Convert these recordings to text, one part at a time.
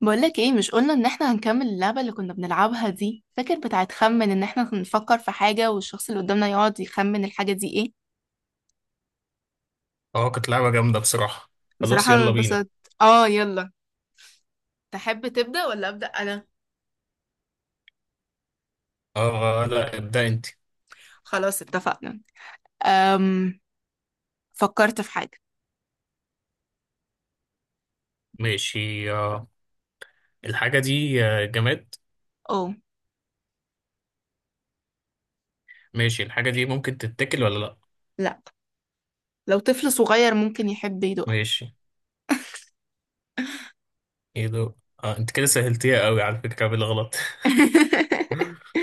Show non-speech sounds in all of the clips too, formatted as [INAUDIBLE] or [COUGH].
بقولك ايه، مش قلنا ان احنا هنكمل اللعبة اللي كنا بنلعبها دي؟ فاكر بتاعت خمن ان احنا نفكر في حاجة والشخص اللي قدامنا يقعد يخمن الحاجة دي ايه. اه، كانت لعبة جامدة بصراحة. خلاص بصراحة انا يلا بينا. اتبسطت. اه يلا. تحب تبدأ ولا أبدأ انا؟ اه لا، ابدأ انت. خلاص اتفقنا. أم فكرت في حاجة. ماشي آه. الحاجة دي جماد؟ اه. ماشي، الحاجة دي ممكن تتاكل ولا لا؟ لا. لو طفل صغير ممكن يحب يدوقها. ماشي، ايه ده؟ انت كده سهلتيها قوي على فكرة بالغلط. [LAUGHS] [LAUGHS]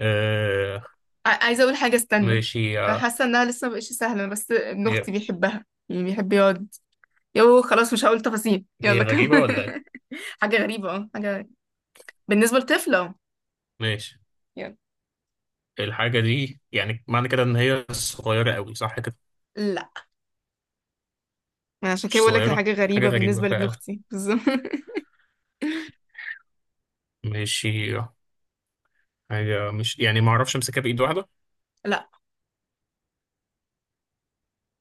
آه عايزة اقول حاجة، استنى. ماشي انا آه. حاسة انها لسه مبقتش سهلة، بس ابن هي اختي بيحبها، يعني بيحب يقعد. يو خلاص، مش هقول تفاصيل، هي يلا كمل. غريبة ولا [LAUGHS] ايه؟ حاجة غريبة، اه حاجة غريبة بالنسبة لطفلة، اه. ماشي، يلا. الحاجة دي يعني معنى كده ان هي صغيرة قوي، صح كده؟ لا. ما أنا عشان كده مش بقول لك، هي صغيرة. حاجه حاجة غريبه غريبة بالنسبه لابن فعلا. اختي بالظبط. [LAUGHS] ماشي حاجة مش يعني ما اعرفش امسكها بإيد واحدة. لا.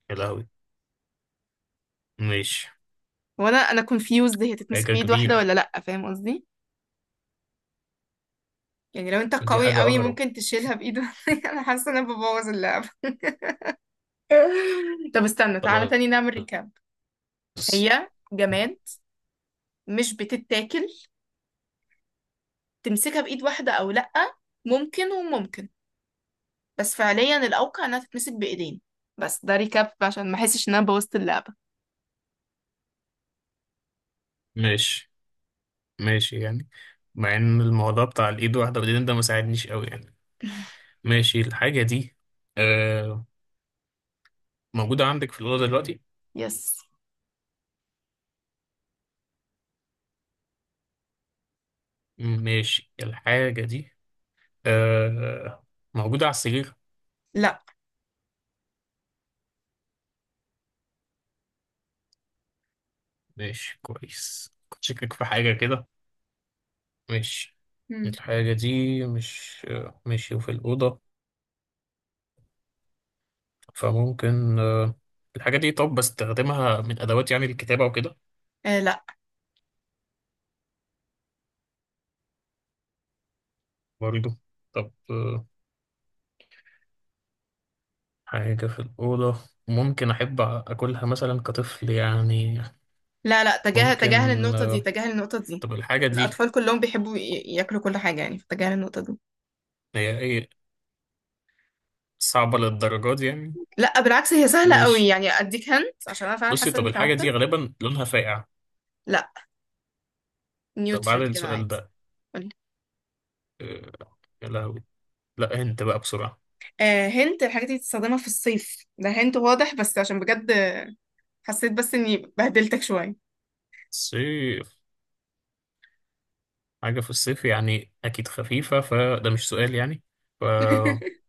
يا لهوي. ماشي. وانا كونفيوزد، هي تتمسك حاجة بايد واحده كبيرة. ولا لا؟ فاهم قصدي؟ يعني لو انت ودي قوي حاجة قوي أغرب. ممكن تشيلها بايد واحدة. [LAUGHS] انا حاسه ان انا ببوظ اللعبه. [LAUGHS] طب استنى، تعالى خلاص. تاني نعمل ريكاب. هي جماد. مش بتتاكل. تمسكها بايد واحده او لا، ممكن وممكن. بس فعليا الاوقع انها تتمسك بايدين. بس ده ريكاب عشان ما احسش ان انا بوظت اللعبه. ماشي، ماشي يعني. مع إن الموضوع بتاع الإيد واحدة والإيدين ده مساعدنيش أوي يعني. ماشي، الحاجة دي آه موجودة عندك في الأوضة دلوقتي؟ يس. ماشي، الحاجة دي آه موجودة على السرير؟ لا. ماشي، كويس، كنت شاكك في حاجة كده. ماشي، الحاجة دي مش ماشي، وفي الأوضة. فممكن الحاجة دي، طب بستخدمها من أدوات يعني الكتابة وكده؟ آه. لا. برضه. طب حاجة في الأوضة، ممكن أحب أكلها مثلا كطفل يعني؟ لا لا، تجاهل ممكن. تجاهل النقطة دي، آه، تجاهل النقطة دي. طب الحاجة دي، الأطفال كلهم بيحبوا ياكلوا كل حاجة يعني، فتجاهل النقطة دي. هي إيه، صعبة للدرجة دي يعني؟ لا بالعكس، هي سهلة قوي ماشي. يعني، أديك هنت، عشان أنا فعلا بصي، حاسة طب إني الحاجة دي تعبت. غالبا لونها فاقع؟ لا، طب بعد نيوترال كده السؤال عادي. ده، قولي. آه، يا لهوي. لا، أنت بقى بسرعة. آه هنت، الحاجات دي بتستخدمها في الصيف، ده هنت واضح، بس عشان بجد حسيت بس إني بهدلتك شوية. صيف؟ حاجة في الصيف يعني أكيد خفيفة، فده مش سؤال يعني. [LAUGHS]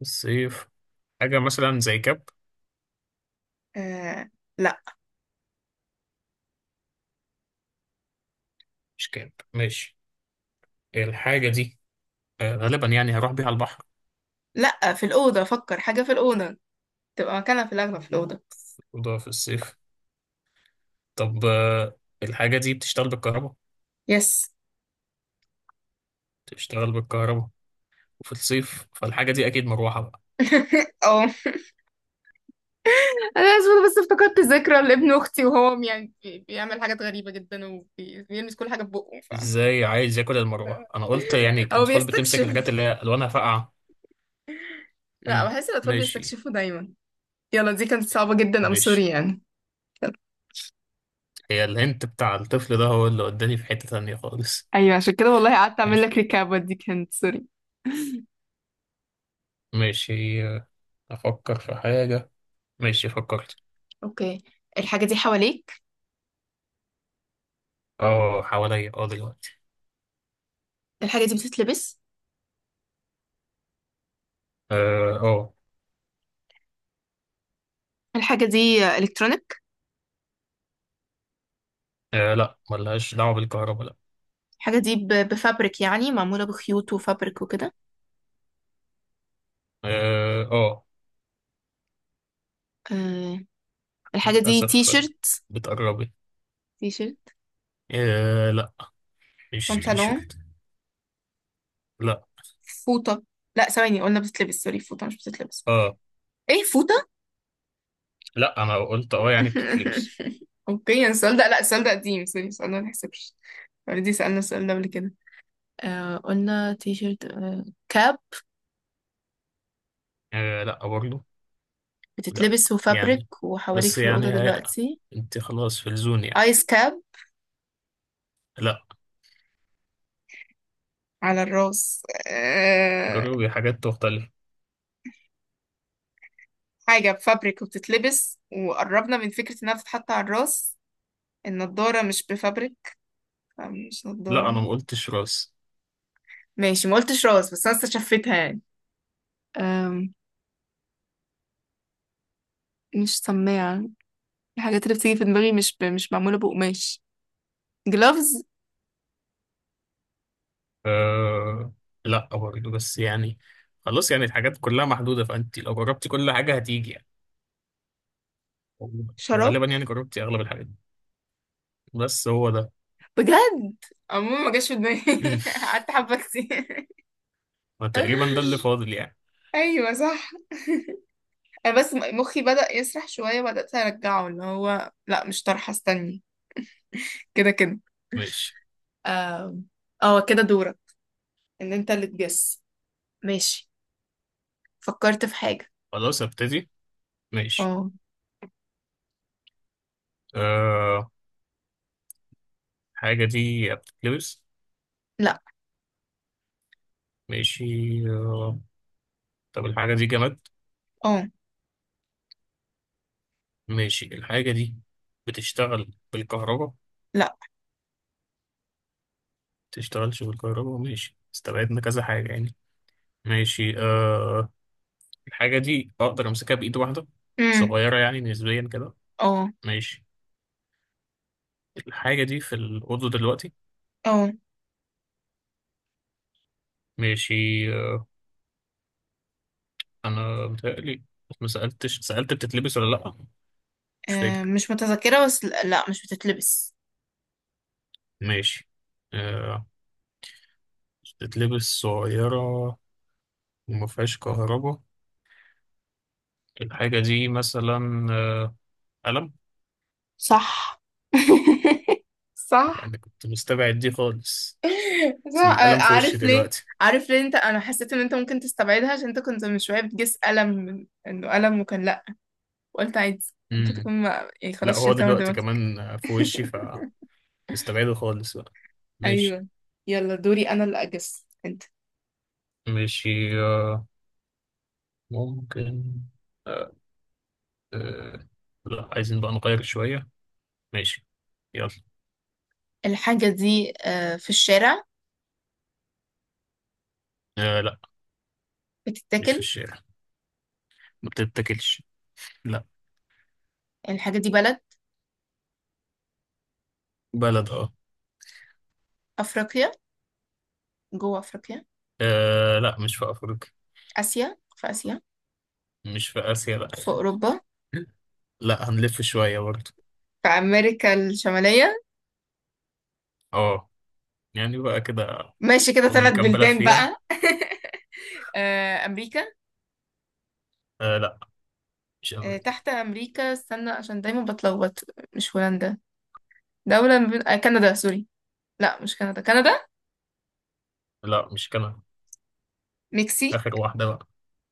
فالصيف، حاجة مثلا زي كاب؟ آه لا. مش كاب، ماشي. الحاجة دي غالبا يعني هروح بيها البحر؟ لا، في الأوضة، فكر حاجة في الأوضة، تبقى مكانها في الأغلب في الأوضة. الأوضة في الصيف؟ طب الحاجة دي بتشتغل بالكهرباء؟ يس. بتشتغل بالكهرباء، وفي الصيف فالحاجة دي أكيد مروحة بقى. [LAUGHS] اه، انا اسفه، بس افتكرت ذكرى لابن اختي، وهو يعني بيعمل حاجات غريبه جدا وبيلمس كل حاجه ببقه، ف إزاي عايز ياكل المروحة؟ أنا قلت يعني او الأطفال بتمسك بيستكشف. الحاجات اللي هي ألوانها فاقعة. لا، امم. بحس الاطفال ماشي. بيستكشفوا دايما. يلا، دي كانت صعبه جدا، ماشي، سوري يعني. هي الهنت بتاع الطفل ده هو اللي وداني في حتة تانية خالص. ايوه عشان كده والله قعدت اعمل ماشي. لك ريكاب، دي كانت سوري. ماشي أفكر في حاجة. ماشي، فكرت. اوكي. الحاجه دي حواليك. اه، حواليا، دلوقتي. الحاجه دي بتتلبس. اه، اه. الحاجه دي الكترونيك. لا، ملهاش دعوة بالكهرباء، لا. الحاجه دي بفابريك، يعني معموله بخيوط وفابريك وكده. اه. أه. الحاجه دي تي للأسف. شيرت. بتقربي. تي شيرت؟ لا، مش تي بنطلون؟ شيرت. لا. فوطة. لا ثواني، قلنا بتتلبس، سوري، فوطة مش بتتلبس. اه، ايه، فوطة. لا، انا قلت اه يعني بتتلبس. [LAUGHS] اوكي، السؤال ده، لا السؤال ده قديم، سوري، السؤال ده ما يحسبش. اوريدي سألنا السؤال ده قبل كده. آه، قلنا تي شيرت، آه كاب. لا برضه. لا بتتلبس وفابريك يعني، وحواليك بس في الأوضة يعني هي... دلوقتي. انت خلاص في الزون يعني. ايس كاب؟ لا، على الراس أه... جربي حاجات مختلفة. حاجة بفابريك وبتتلبس وقربنا من فكرة انها بتتحط على الراس. النضارة مش بفابريك. آه، مش لا، نضارة. انا ما قلتش راس. ماشي ما قلتش راس، بس انا استشفتها يعني. مش سماعة. الحاجات اللي بتيجي في دماغي مش ب... مش معمولة بقماش. جلافز؟ آه لا برضه، بس يعني خلاص يعني الحاجات كلها محدودة، فانت لو جربتي كل حاجة هتيجي يعني. شراب؟ غالبا يعني جربتي اغلب الحاجات، بس هو ده. بجد؟ عموما ما جاش في دماغي. [LAUGHS] قعدت [LAUGHS] حبة كتير. وتقريبا ده اللي [LAUGHS] فاضل يعني. ايوه صح. انا بس مخي بدأ يسرح شوية، بدأت ارجعه، اللي هو لا مش طرحة، استني. كده كده. ماشي. اه. آه، كده دورك، ان انت اللي تجس. ماشي فكرت في حاجة. خلاص ابتدي. ماشي اه. آه. الحاجة دي بتتلبس؟ لا. ماشي آه، طب الحاجة دي جماد؟ اه. ماشي، الحاجة دي بتشتغل بالكهرباء؟ لا. بتشتغلش بالكهرباء، ماشي، استبعدنا كذا حاجة يعني. ماشي الحاجة دي أقدر أمسكها بإيد واحدة؟ امم. صغيرة يعني نسبيا كده؟ اه. ماشي، الحاجة دي في الأوضة دلوقتي؟ اه. ماشي آه أنا متهيألي، ما سألتش، سألت بتتلبس ولا لأ، مش آه، فاكر. مش متذكرة، بس لا لا، مش بتتلبس. ماشي آه بتتلبس صغيرة وما فيهاش كهرباء. الحاجة دي مثلا قلم؟ صح. [LAUGHS] صح. يعني كنت مستبعد دي خالص، بس صح القلم في وشي عارف ليه؟ دلوقتي. عارف ليه انت، انا حسيت ان انت ممكن تستبعدها عشان انت كنت من شويه بتجس الم من- انه الم وكان لا، وقلت عادي ممكن امم. تكون ما... يعني لا، خلاص هو شلتها من دلوقتي دماغك. كمان في وشي، فمستبعده خالص بقى. ماشي. ايوه. يلا دوري انا اللي اجس انت. ماشي آه، ممكن. آه، آه، لا، عايزين بقى نغير شوية. ماشي، يلا. الحاجه دي آه، في الشارع. لا، مش في بتتاكل. الشارع، ما بتتاكلش، لا. الحاجه دي بلد. بلد، اه. افريقيا، جوه افريقيا. لا، مش في أفريقيا. اسيا، في اسيا. مش في آسيا، لا. في [LAUGHS] اوروبا. لا، هنلف شوية برضه. في امريكا الشماليه. اه، يعني بقى كده. ماشي كده فاضل ثلاث كام بلد بلدان فيها؟ بقى. آه، امريكا. لا، مش آه، امريكا. تحت أمريكا، استنى عشان دايما بتلخبط. مش هولندا. دولة من... آه، كندا، سوري لا مش كندا، كندا. لا، مش كندا. مكسي. اخر واحده بقى.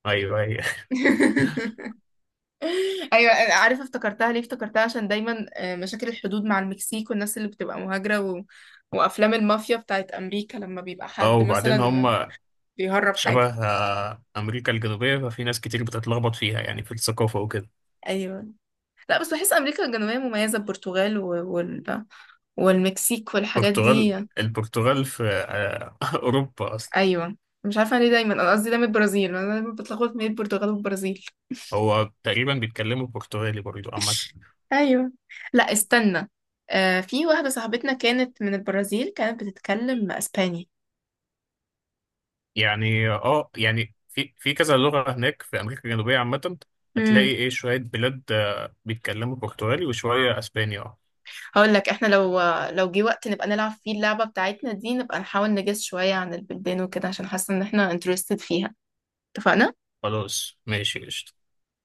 ايوه، هي. [LAUGHS] أيوة. آه، عارفة افتكرتها ليه؟ افتكرتها عشان دايما آه، مشاكل الحدود مع المكسيك والناس اللي بتبقى مهاجرة و... وأفلام المافيا بتاعت أمريكا لما بيبقى [LAUGHS] اه، حد وبعدين هم مثلا بيهرب شبه حاجة. امريكا الجنوبيه، ففي ناس كتير بتتلخبط فيها يعني في الثقافه وكده. أيوة. لا بس بحس أمريكا الجنوبية مميزة، البرتغال و... وال... والمكسيك والحاجات البرتغال. دي. البرتغال في [LAUGHS] اوروبا اصلا. أيوة. مش عارفة ليه، دايما أنا قصدي دايما البرازيل، أنا دايما بتلخبط بين البرتغال والبرازيل. هو تقريبا بيتكلموا برتغالي برضو عامه. ايوه. لا استنى، آه في واحده صاحبتنا كانت من البرازيل، كانت بتتكلم اسباني. يعني في كذا لغه هناك في امريكا الجنوبيه عامه. هتلاقي امم. ايه، شويه بلاد بيتكلموا برتغالي وشويه اسباني، اه. هقول لك، احنا لو لو جه وقت نبقى نلعب فيه اللعبه بتاعتنا دي، نبقى نحاول نجس شويه عن البلدان وكده، عشان حاسه ان احنا انترستد فيها. اتفقنا؟ خلاص ماشي، قشطة.